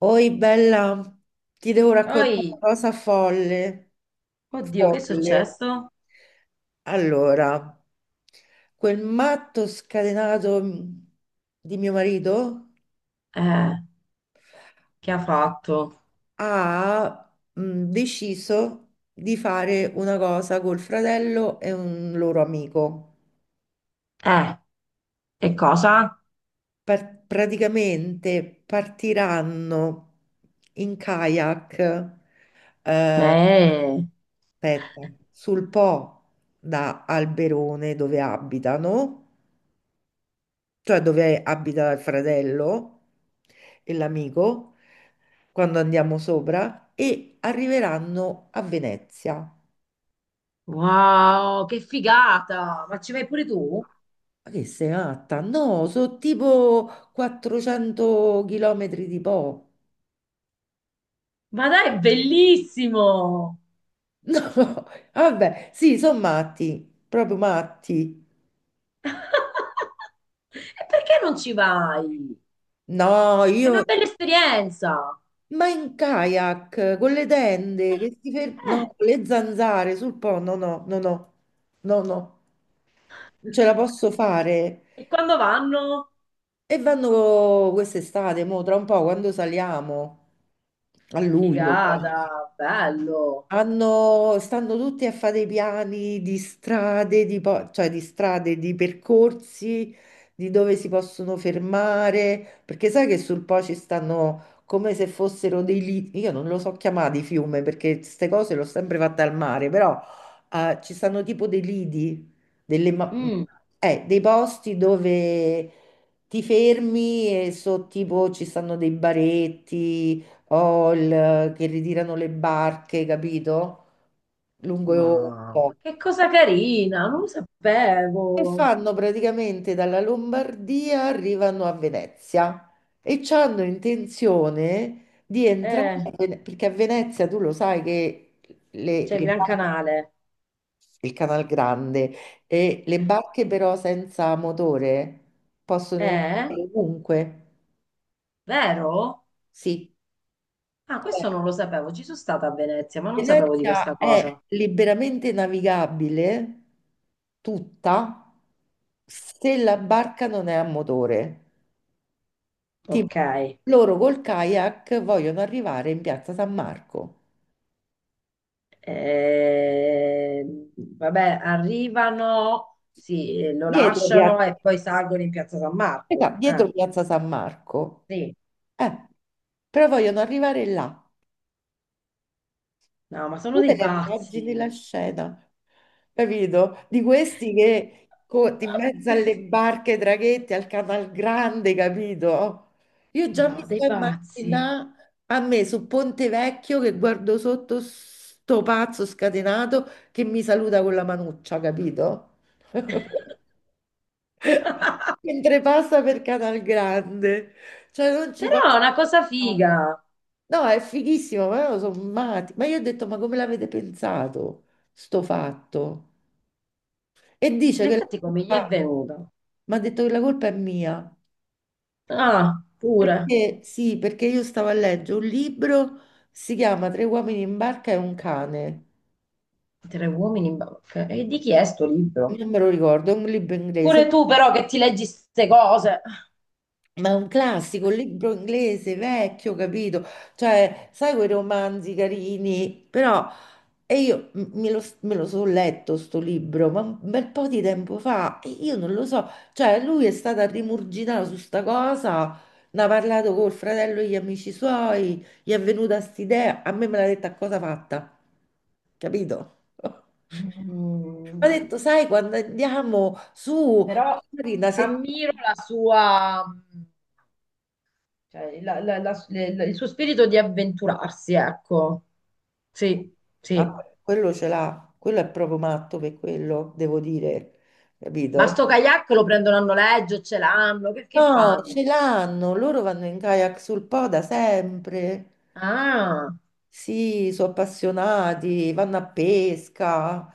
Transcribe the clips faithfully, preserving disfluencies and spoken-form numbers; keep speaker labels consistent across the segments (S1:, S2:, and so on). S1: Oi bella, ti devo raccontare una
S2: Poi,
S1: cosa folle.
S2: oddio, che è
S1: Folle.
S2: successo?
S1: Allora, quel matto scatenato mh, di mio marito
S2: Eh, che ha fatto?
S1: ha mh, deciso di fare una cosa col fratello e un loro amico.
S2: Eh, e cosa?
S1: Par- praticamente partiranno in kayak, eh,
S2: Eh,
S1: aspetta, sul Po da Alberone dove abitano, cioè dove abita il fratello e l'amico, quando andiamo sopra, e arriveranno a Venezia.
S2: wow, che figata! Ma ci vai pure tu?
S1: Ma che sei matta? No, sono tipo quattrocento chilometri di Po.
S2: Ma dai, è bellissimo!
S1: No, vabbè, sì, sono matti, proprio matti.
S2: E perché non ci vai?
S1: No,
S2: È una
S1: io...
S2: bella esperienza!
S1: Ma in kayak, con le tende, che si fer- No,
S2: Eh,
S1: con le zanzare sul po', no, no, no, no, no, no, non ce la posso fare.
S2: e quando vanno?
S1: E vanno quest'estate, mo, tra un po', quando saliamo, a luglio.
S2: Figata, bello!
S1: Hanno- stanno tutti a fare dei piani di strade, di po- cioè di strade, di percorsi, di dove si possono fermare, perché sai che sul Po ci stanno come se fossero dei liti, io non lo so chiamati fiume perché queste cose l'ho sempre fatta al mare, però eh, ci stanno tipo dei lidi, delle ma-
S2: Mm,
S1: eh, dei posti dove ti fermi e so tipo ci stanno dei baretti o il- che ritirano le barche, capito? Lungo un
S2: mamma,
S1: po'.
S2: che cosa carina, non lo
S1: E
S2: sapevo!
S1: fanno praticamente dalla Lombardia, arrivano a Venezia e hanno intenzione di entrare,
S2: Eh.
S1: a Vene- perché a Venezia tu lo sai che le,
S2: C'è il
S1: le
S2: Gran
S1: barche,
S2: Canale.
S1: il Canal Grande, e le barche però senza motore possono
S2: Eh?
S1: entrare ovunque,
S2: Vero?
S1: sì.
S2: Ah,
S1: Eh.
S2: questo non lo sapevo. Ci sono stata a Venezia, ma non sapevo di
S1: Venezia
S2: questa
S1: è
S2: cosa.
S1: liberamente navigabile tutta se la barca non è a motore.
S2: Ok.
S1: Tipo, loro col kayak vogliono arrivare in Piazza San Marco.
S2: Ehm, vabbè, arrivano, sì, eh, lo
S1: Dietro
S2: lasciano
S1: Piazza,
S2: e poi salgono in Piazza San
S1: aspetta,
S2: Marco.
S1: dietro
S2: Eh,
S1: Piazza San Marco.
S2: sì.
S1: Eh, però vogliono arrivare là.
S2: No, ma sono
S1: Tu te
S2: dei
S1: ne immagini la
S2: pazzi.
S1: scena, capito? Di questi che co- in mezzo alle barche, ai traghetti, al Canal Grande, capito? Io già
S2: No,
S1: mi
S2: dei
S1: sto
S2: pazzi.
S1: immaginando a me su Ponte Vecchio che guardo sotto sto pazzo scatenato che mi saluta con la manuccia, capito? Mentre passa per Canal Grande, cioè non ci
S2: Però è
S1: posso
S2: una cosa
S1: pensare.
S2: figa.
S1: No, è fighissimo, ma loro sono matti. Ma io ho detto, ma come l'avete pensato, sto fatto? E dice
S2: Ma
S1: che la
S2: infatti come gli è
S1: colpa,
S2: venuta?
S1: mi ha detto che la colpa è mia.
S2: Ah, pure.
S1: Perché, sì, perché io stavo a leggere un libro, si chiama Tre uomini in barca e un cane.
S2: Tre uomini in banca. E di chi è sto libro?
S1: Non me lo ricordo, è un libro inglese,
S2: Pure tu però che ti leggi queste cose.
S1: ma è un classico, un libro inglese, vecchio, capito? Cioè, sai quei romanzi carini, però E io m- me lo, me lo so letto sto libro, ma un bel po' di tempo fa, e io non lo so, cioè lui è stato a rimurgitare su sta cosa, ne ha parlato col fratello e gli amici suoi, gli è venuta st'idea, a me me l'ha detta a cosa fatta, capito? Mi ha
S2: Mm,
S1: detto, sai, quando andiamo su,
S2: però
S1: magari una
S2: ammiro
S1: settimana.
S2: la sua, cioè, la- la- la- le- la- il suo spirito di avventurarsi, ecco. Sì,
S1: Ah,
S2: sì.
S1: quello ce l'ha, quello è proprio matto per quello, devo dire,
S2: Ma
S1: capito?
S2: sto kayak lo prendono a noleggio, ce l'hanno, che, che
S1: No,
S2: fanno?
S1: ce l'hanno, loro vanno in kayak sul Po da sempre.
S2: Ah,
S1: Sì, sono appassionati, vanno a pesca,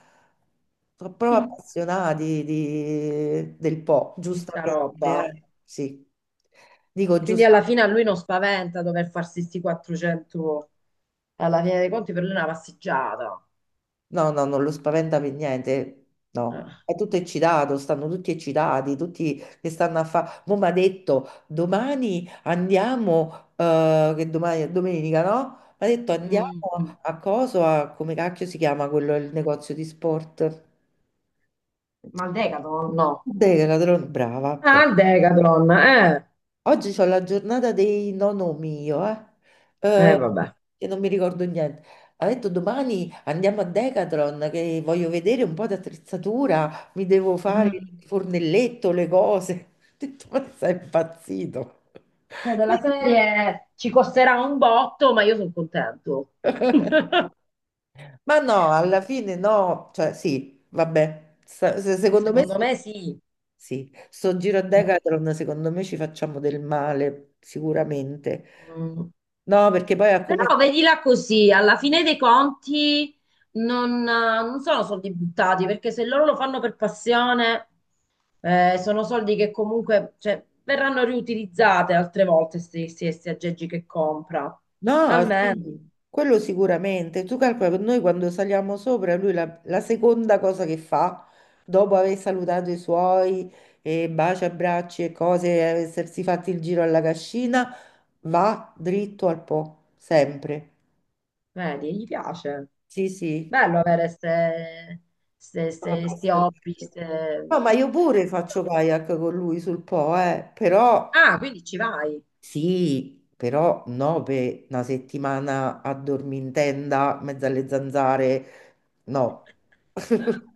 S1: sono proprio
S2: hm,
S1: appassionati di- del Po,
S2: di sta
S1: giustamente.
S2: roba.
S1: Eh. Sì, dico
S2: Quindi alla
S1: giustamente.
S2: fine a lui non spaventa dover farsi sti quattrocento, alla fine dei conti per lui è una passeggiata.
S1: No, no, non lo spaventa per niente,
S2: Eh.
S1: no. È tutto eccitato, stanno tutti eccitati, tutti che stanno a fare. Mo' mi ha detto, domani andiamo, eh, che domani è domenica, no? Mi ha detto, andiamo
S2: Mm,
S1: a coso, a, come cacchio si chiama quello, il negozio di sport?
S2: ma il Decathlon no.
S1: Decathlon, brava,
S2: Ah,
S1: brava.
S2: il Decathlon, eh.
S1: Oggi c'ho la giornata dei nonno mio, eh,
S2: Eh,
S1: eh,
S2: vabbè.
S1: che non mi ricordo niente. Ha detto domani andiamo a Decathlon che voglio vedere un po' di attrezzatura, mi devo fare
S2: Mm,
S1: il fornelletto, le cose. Ho detto, ma sei impazzito?
S2: cioè, della serie ci costerà un botto, ma io sono contento.
S1: Ma no, alla fine no, cioè sì, vabbè, Sa- se- secondo me
S2: Secondo me sì.
S1: sì, sto giro a
S2: Eh.
S1: Decathlon, secondo me ci facciamo del male, sicuramente.
S2: Mm.
S1: No, perché poi a come,
S2: Però vedila così, alla fine dei conti non, non sono soldi buttati, perché se loro lo fanno per passione, eh, sono soldi che comunque, cioè, verranno riutilizzate altre volte, questi aggeggi che compra.
S1: no, sì,
S2: Almeno.
S1: quello sicuramente. Tu calcola che noi quando saliamo sopra, lui la, la seconda cosa che fa, dopo aver salutato i suoi e baci, abbracci e cose, e essersi fatti il giro alla cascina, va dritto al Po, sempre.
S2: Vedi, gli piace.
S1: Sì, sì.
S2: Bello avere ste, ste,
S1: Sono
S2: ste- sti
S1: appassionata.
S2: hobby. Ste-
S1: No, ma io pure faccio kayak con lui sul Po, eh, però...
S2: Ah, quindi ci vai.
S1: Sì, però no, per una settimana a dormire in tenda, mezzo alle zanzare, no.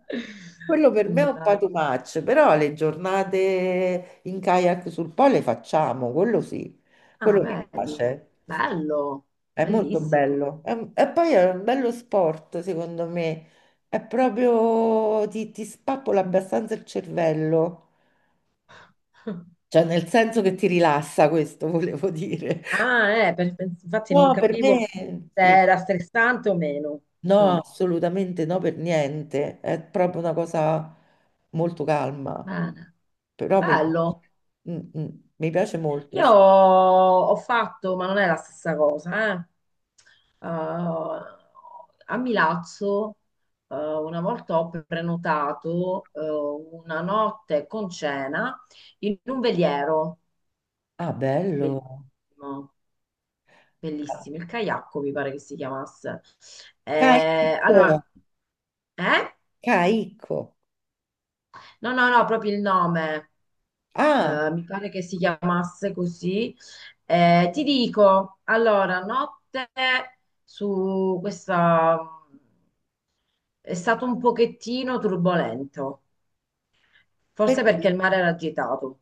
S1: Quello per me è un po' too
S2: Mannaggia.
S1: much, però le giornate in kayak sul Po le facciamo, quello sì,
S2: Ah,
S1: quello mi
S2: vedi.
S1: piace,
S2: Bello,
S1: è molto
S2: bellissimo.
S1: bello. È un- E poi è un bello sport, secondo me, è proprio, ti, ti spappola abbastanza il cervello, cioè nel senso che ti rilassa, questo volevo dire.
S2: Ah, eh, per- infatti non
S1: No, per me
S2: capivo se
S1: sì.
S2: era stressante o meno.
S1: No,
S2: Mm,
S1: assolutamente no, per niente. È proprio una cosa molto calma.
S2: bene.
S1: Però mi piace.
S2: Bello.
S1: Mm, mm, mi piace molto.
S2: Io ho fatto, ma non è la stessa cosa, eh. Eh, a Milazzo, eh, una volta ho prenotato, eh, una notte con cena in un veliero,
S1: Ah, bello.
S2: bellissimo, bellissimo, il Caiacco mi pare che si chiamasse. Eh, allora,
S1: Caicco.
S2: eh?
S1: Caicco.
S2: No, no, no, proprio il nome.
S1: Ah,
S2: Eh, mi pare che si chiamasse così. Eh, ti dico, allora, notte su questa è stato un pochettino turbolento, forse perché
S1: perché?
S2: il mare era agitato.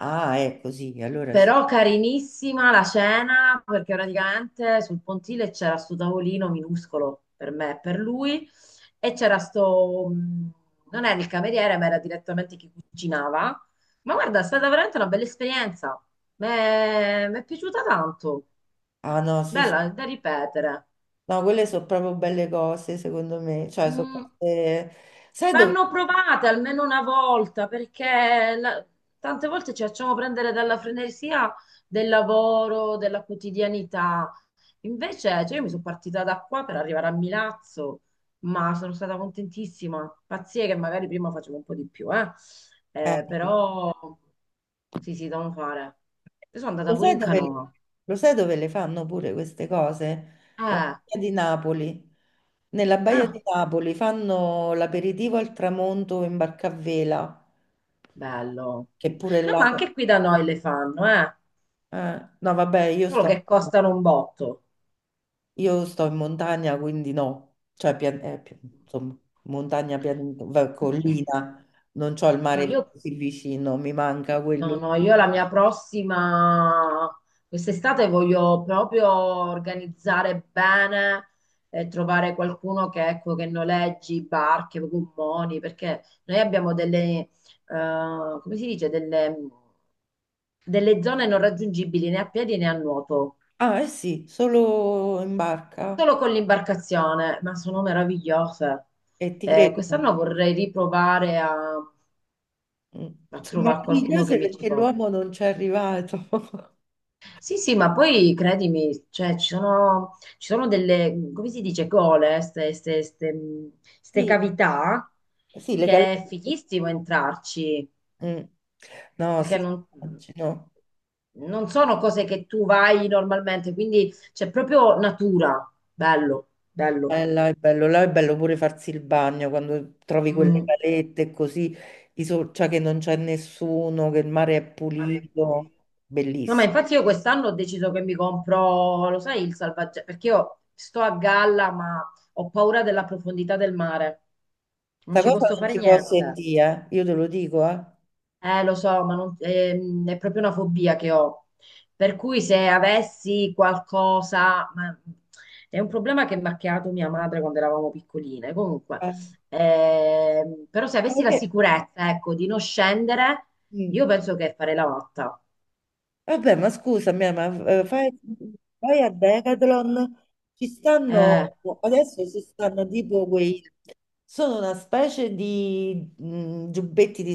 S1: Ah, è così, allora sì.
S2: Però carinissima la cena, perché praticamente sul pontile c'era sto tavolino minuscolo per me e per lui, e c'era sto, mh, non era il cameriere, ma era direttamente chi cucinava. Ma guarda, è stata veramente una bella esperienza. Mi è piaciuta tanto,
S1: Ah, no, sì, sì.
S2: bella da ripetere.
S1: No, quelle sono proprio belle cose, secondo me. Cioè, sono
S2: Mm,
S1: cose... Sai dove...
S2: vanno provate almeno una volta, perché la- tante volte ci facciamo prendere dalla frenesia del lavoro, della quotidianità. Invece, cioè, io mi sono partita da qua per arrivare a Milazzo, ma sono stata contentissima. Pazzie che magari prima facevo un po' di più, eh.
S1: Eh,
S2: Eh, però sì, sì, devo fare. Io sono andata
S1: Lo
S2: pure
S1: sai
S2: in
S1: dove,
S2: canoa.
S1: lo sai dove le fanno pure queste cose? La
S2: Eh,
S1: Baia di Napoli. Nella Baia di
S2: ah,
S1: Napoli fanno l'aperitivo al tramonto in barca a vela,
S2: bello.
S1: che pure
S2: No,
S1: là...
S2: ma anche qui da noi le fanno, eh.
S1: eh, no, vabbè, io
S2: Solo
S1: sto,
S2: che costano un botto.
S1: io sto in montagna, quindi no. Cioè, pian- eh, pi- insomma, montagna, pian- va- collina, non c'ho il
S2: No,
S1: mare
S2: io
S1: così vicino, mi manca
S2: no,
S1: quello.
S2: no, io la mia prossima, quest'estate voglio proprio organizzare bene e trovare qualcuno che, ecco, che noleggi barche, gommoni, perché noi abbiamo delle, eh, come si dice, delle, delle zone non raggiungibili né a piedi né a nuoto,
S1: Ah, eh sì, solo in barca.
S2: solo con l'imbarcazione, ma sono meravigliose.
S1: E ti
S2: Eh,
S1: credo.
S2: quest'anno vorrei riprovare a,
S1: Mm.
S2: a
S1: Sono
S2: trovare qualcuno che
S1: meravigliose
S2: mi ci
S1: perché l'uomo
S2: porti.
S1: non ci è arrivato.
S2: Sì, sì, ma poi credimi, cioè, ci sono, ci sono delle, come si dice, gole, ste, ste- ste- mh, ste
S1: Sì,
S2: cavità,
S1: sì, le
S2: che è
S1: gallette.
S2: fighissimo entrarci,
S1: Mm. No,
S2: perché
S1: sì,
S2: non,
S1: immagino.
S2: non sono cose che tu vai normalmente, quindi c'è proprio natura, bello, bello.
S1: Eh, là è bello, là è bello pure farsi il bagno quando trovi quelle
S2: Mm.
S1: calette così, di so- cioè che non c'è nessuno, che il mare è
S2: Mare
S1: pulito,
S2: pulito. No, ma
S1: bellissimo.
S2: infatti io quest'anno ho deciso che mi compro, lo sai, il salvagente, perché io sto a galla, ma ho paura della profondità del mare. Non
S1: Questa
S2: ci
S1: cosa
S2: posso
S1: non
S2: fare
S1: si può
S2: niente.
S1: sentire, eh. Io te lo dico, eh.
S2: Eh, lo so, ma non- ehm, è proprio una fobia che ho. Per cui se avessi qualcosa, ma- è un problema che mi ha creato mia madre quando eravamo piccoline. Comunque,
S1: Eh,
S2: ehm, però se
S1: ma
S2: avessi la
S1: perché?
S2: sicurezza, ecco, di non scendere,
S1: Mm.
S2: io penso che farei la matta.
S1: Vabbè, ma scusami, ma eh, fai- vai a Decathlon, ci
S2: Eh,
S1: stanno, adesso ci stanno tipo quei, sono una specie di mh, giubbetti di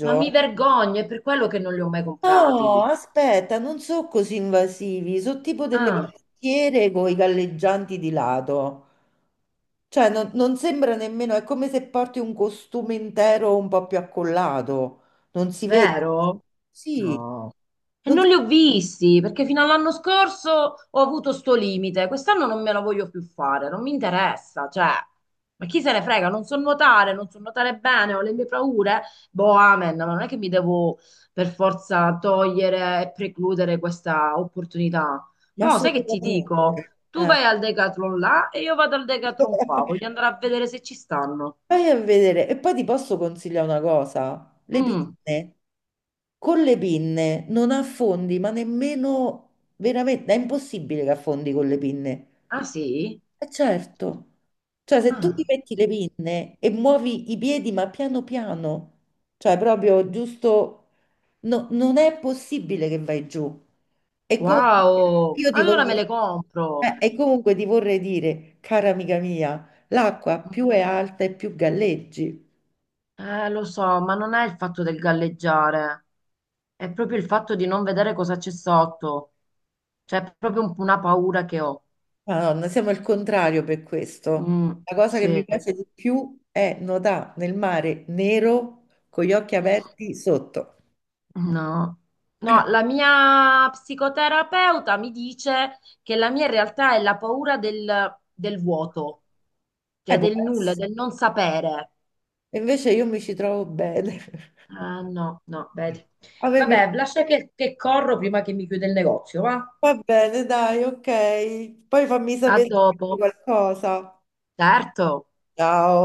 S2: Ma mi vergogno, è per quello che non li ho mai
S1: No,
S2: comprati.
S1: aspetta, non sono così invasivi, sono tipo delle
S2: Ah,
S1: canottiere con i galleggianti di lato. Cioè, non, non sembra nemmeno, è come se porti un costume intero un po' più accollato, non si vede.
S2: vero?
S1: Sì.
S2: No. E
S1: Non
S2: non
S1: so
S2: li ho visti, perché fino all'anno scorso ho avuto sto limite. Quest'anno non me la voglio più fare, non mi interessa, cioè. Ma chi se ne frega? Non so nuotare, non so nuotare bene, ho le mie paure. Boh, amen, ma non è che mi devo per forza togliere e precludere questa opportunità.
S1: Ma
S2: Mo, sai che ti dico?
S1: assolutamente.
S2: Tu
S1: Eh.
S2: vai al Decathlon là e io vado al Decathlon qua. Voglio andare a vedere se ci stanno.
S1: Vai a vedere. E poi ti posso consigliare una cosa. Le
S2: Mm.
S1: pinne. Con le pinne non affondi, ma nemmeno veramente, è impossibile che affondi con le pinne.
S2: Ah sì?
S1: Eh, certo. Cioè, se tu ti
S2: Ah,
S1: metti le pinne e muovi i piedi, ma piano piano, cioè proprio giusto, no- non è possibile che vai giù. E comunque
S2: wow!
S1: io ti
S2: Allora
S1: voglio,
S2: me le
S1: eh,
S2: compro.
S1: e comunque ti vorrei dire, cara amica mia, l'acqua più è alta e più galleggi.
S2: Eh, lo so, ma non è il fatto del galleggiare, è proprio il fatto di non vedere cosa c'è sotto. Cioè, è proprio un- una paura che ho.
S1: Madonna, siamo il contrario per questo.
S2: Mm,
S1: La cosa che mi
S2: sì,
S1: piace di più è nuotare nel mare nero con gli occhi aperti sotto.
S2: no.
S1: Eh,
S2: No, la mia psicoterapeuta mi dice che la mia in realtà è la paura del, del vuoto, cioè
S1: può
S2: del nulla,
S1: essere.
S2: del non sapere.
S1: E invece io mi ci trovo bene.
S2: Ah, no, no, vedi.
S1: A me mi
S2: Vabbè, lascia che, che corro prima che mi chiude il negozio, va?
S1: va bene, dai, ok. Poi fammi
S2: A
S1: sapere se hai
S2: dopo.
S1: qualcosa.
S2: Certo.
S1: Ciao.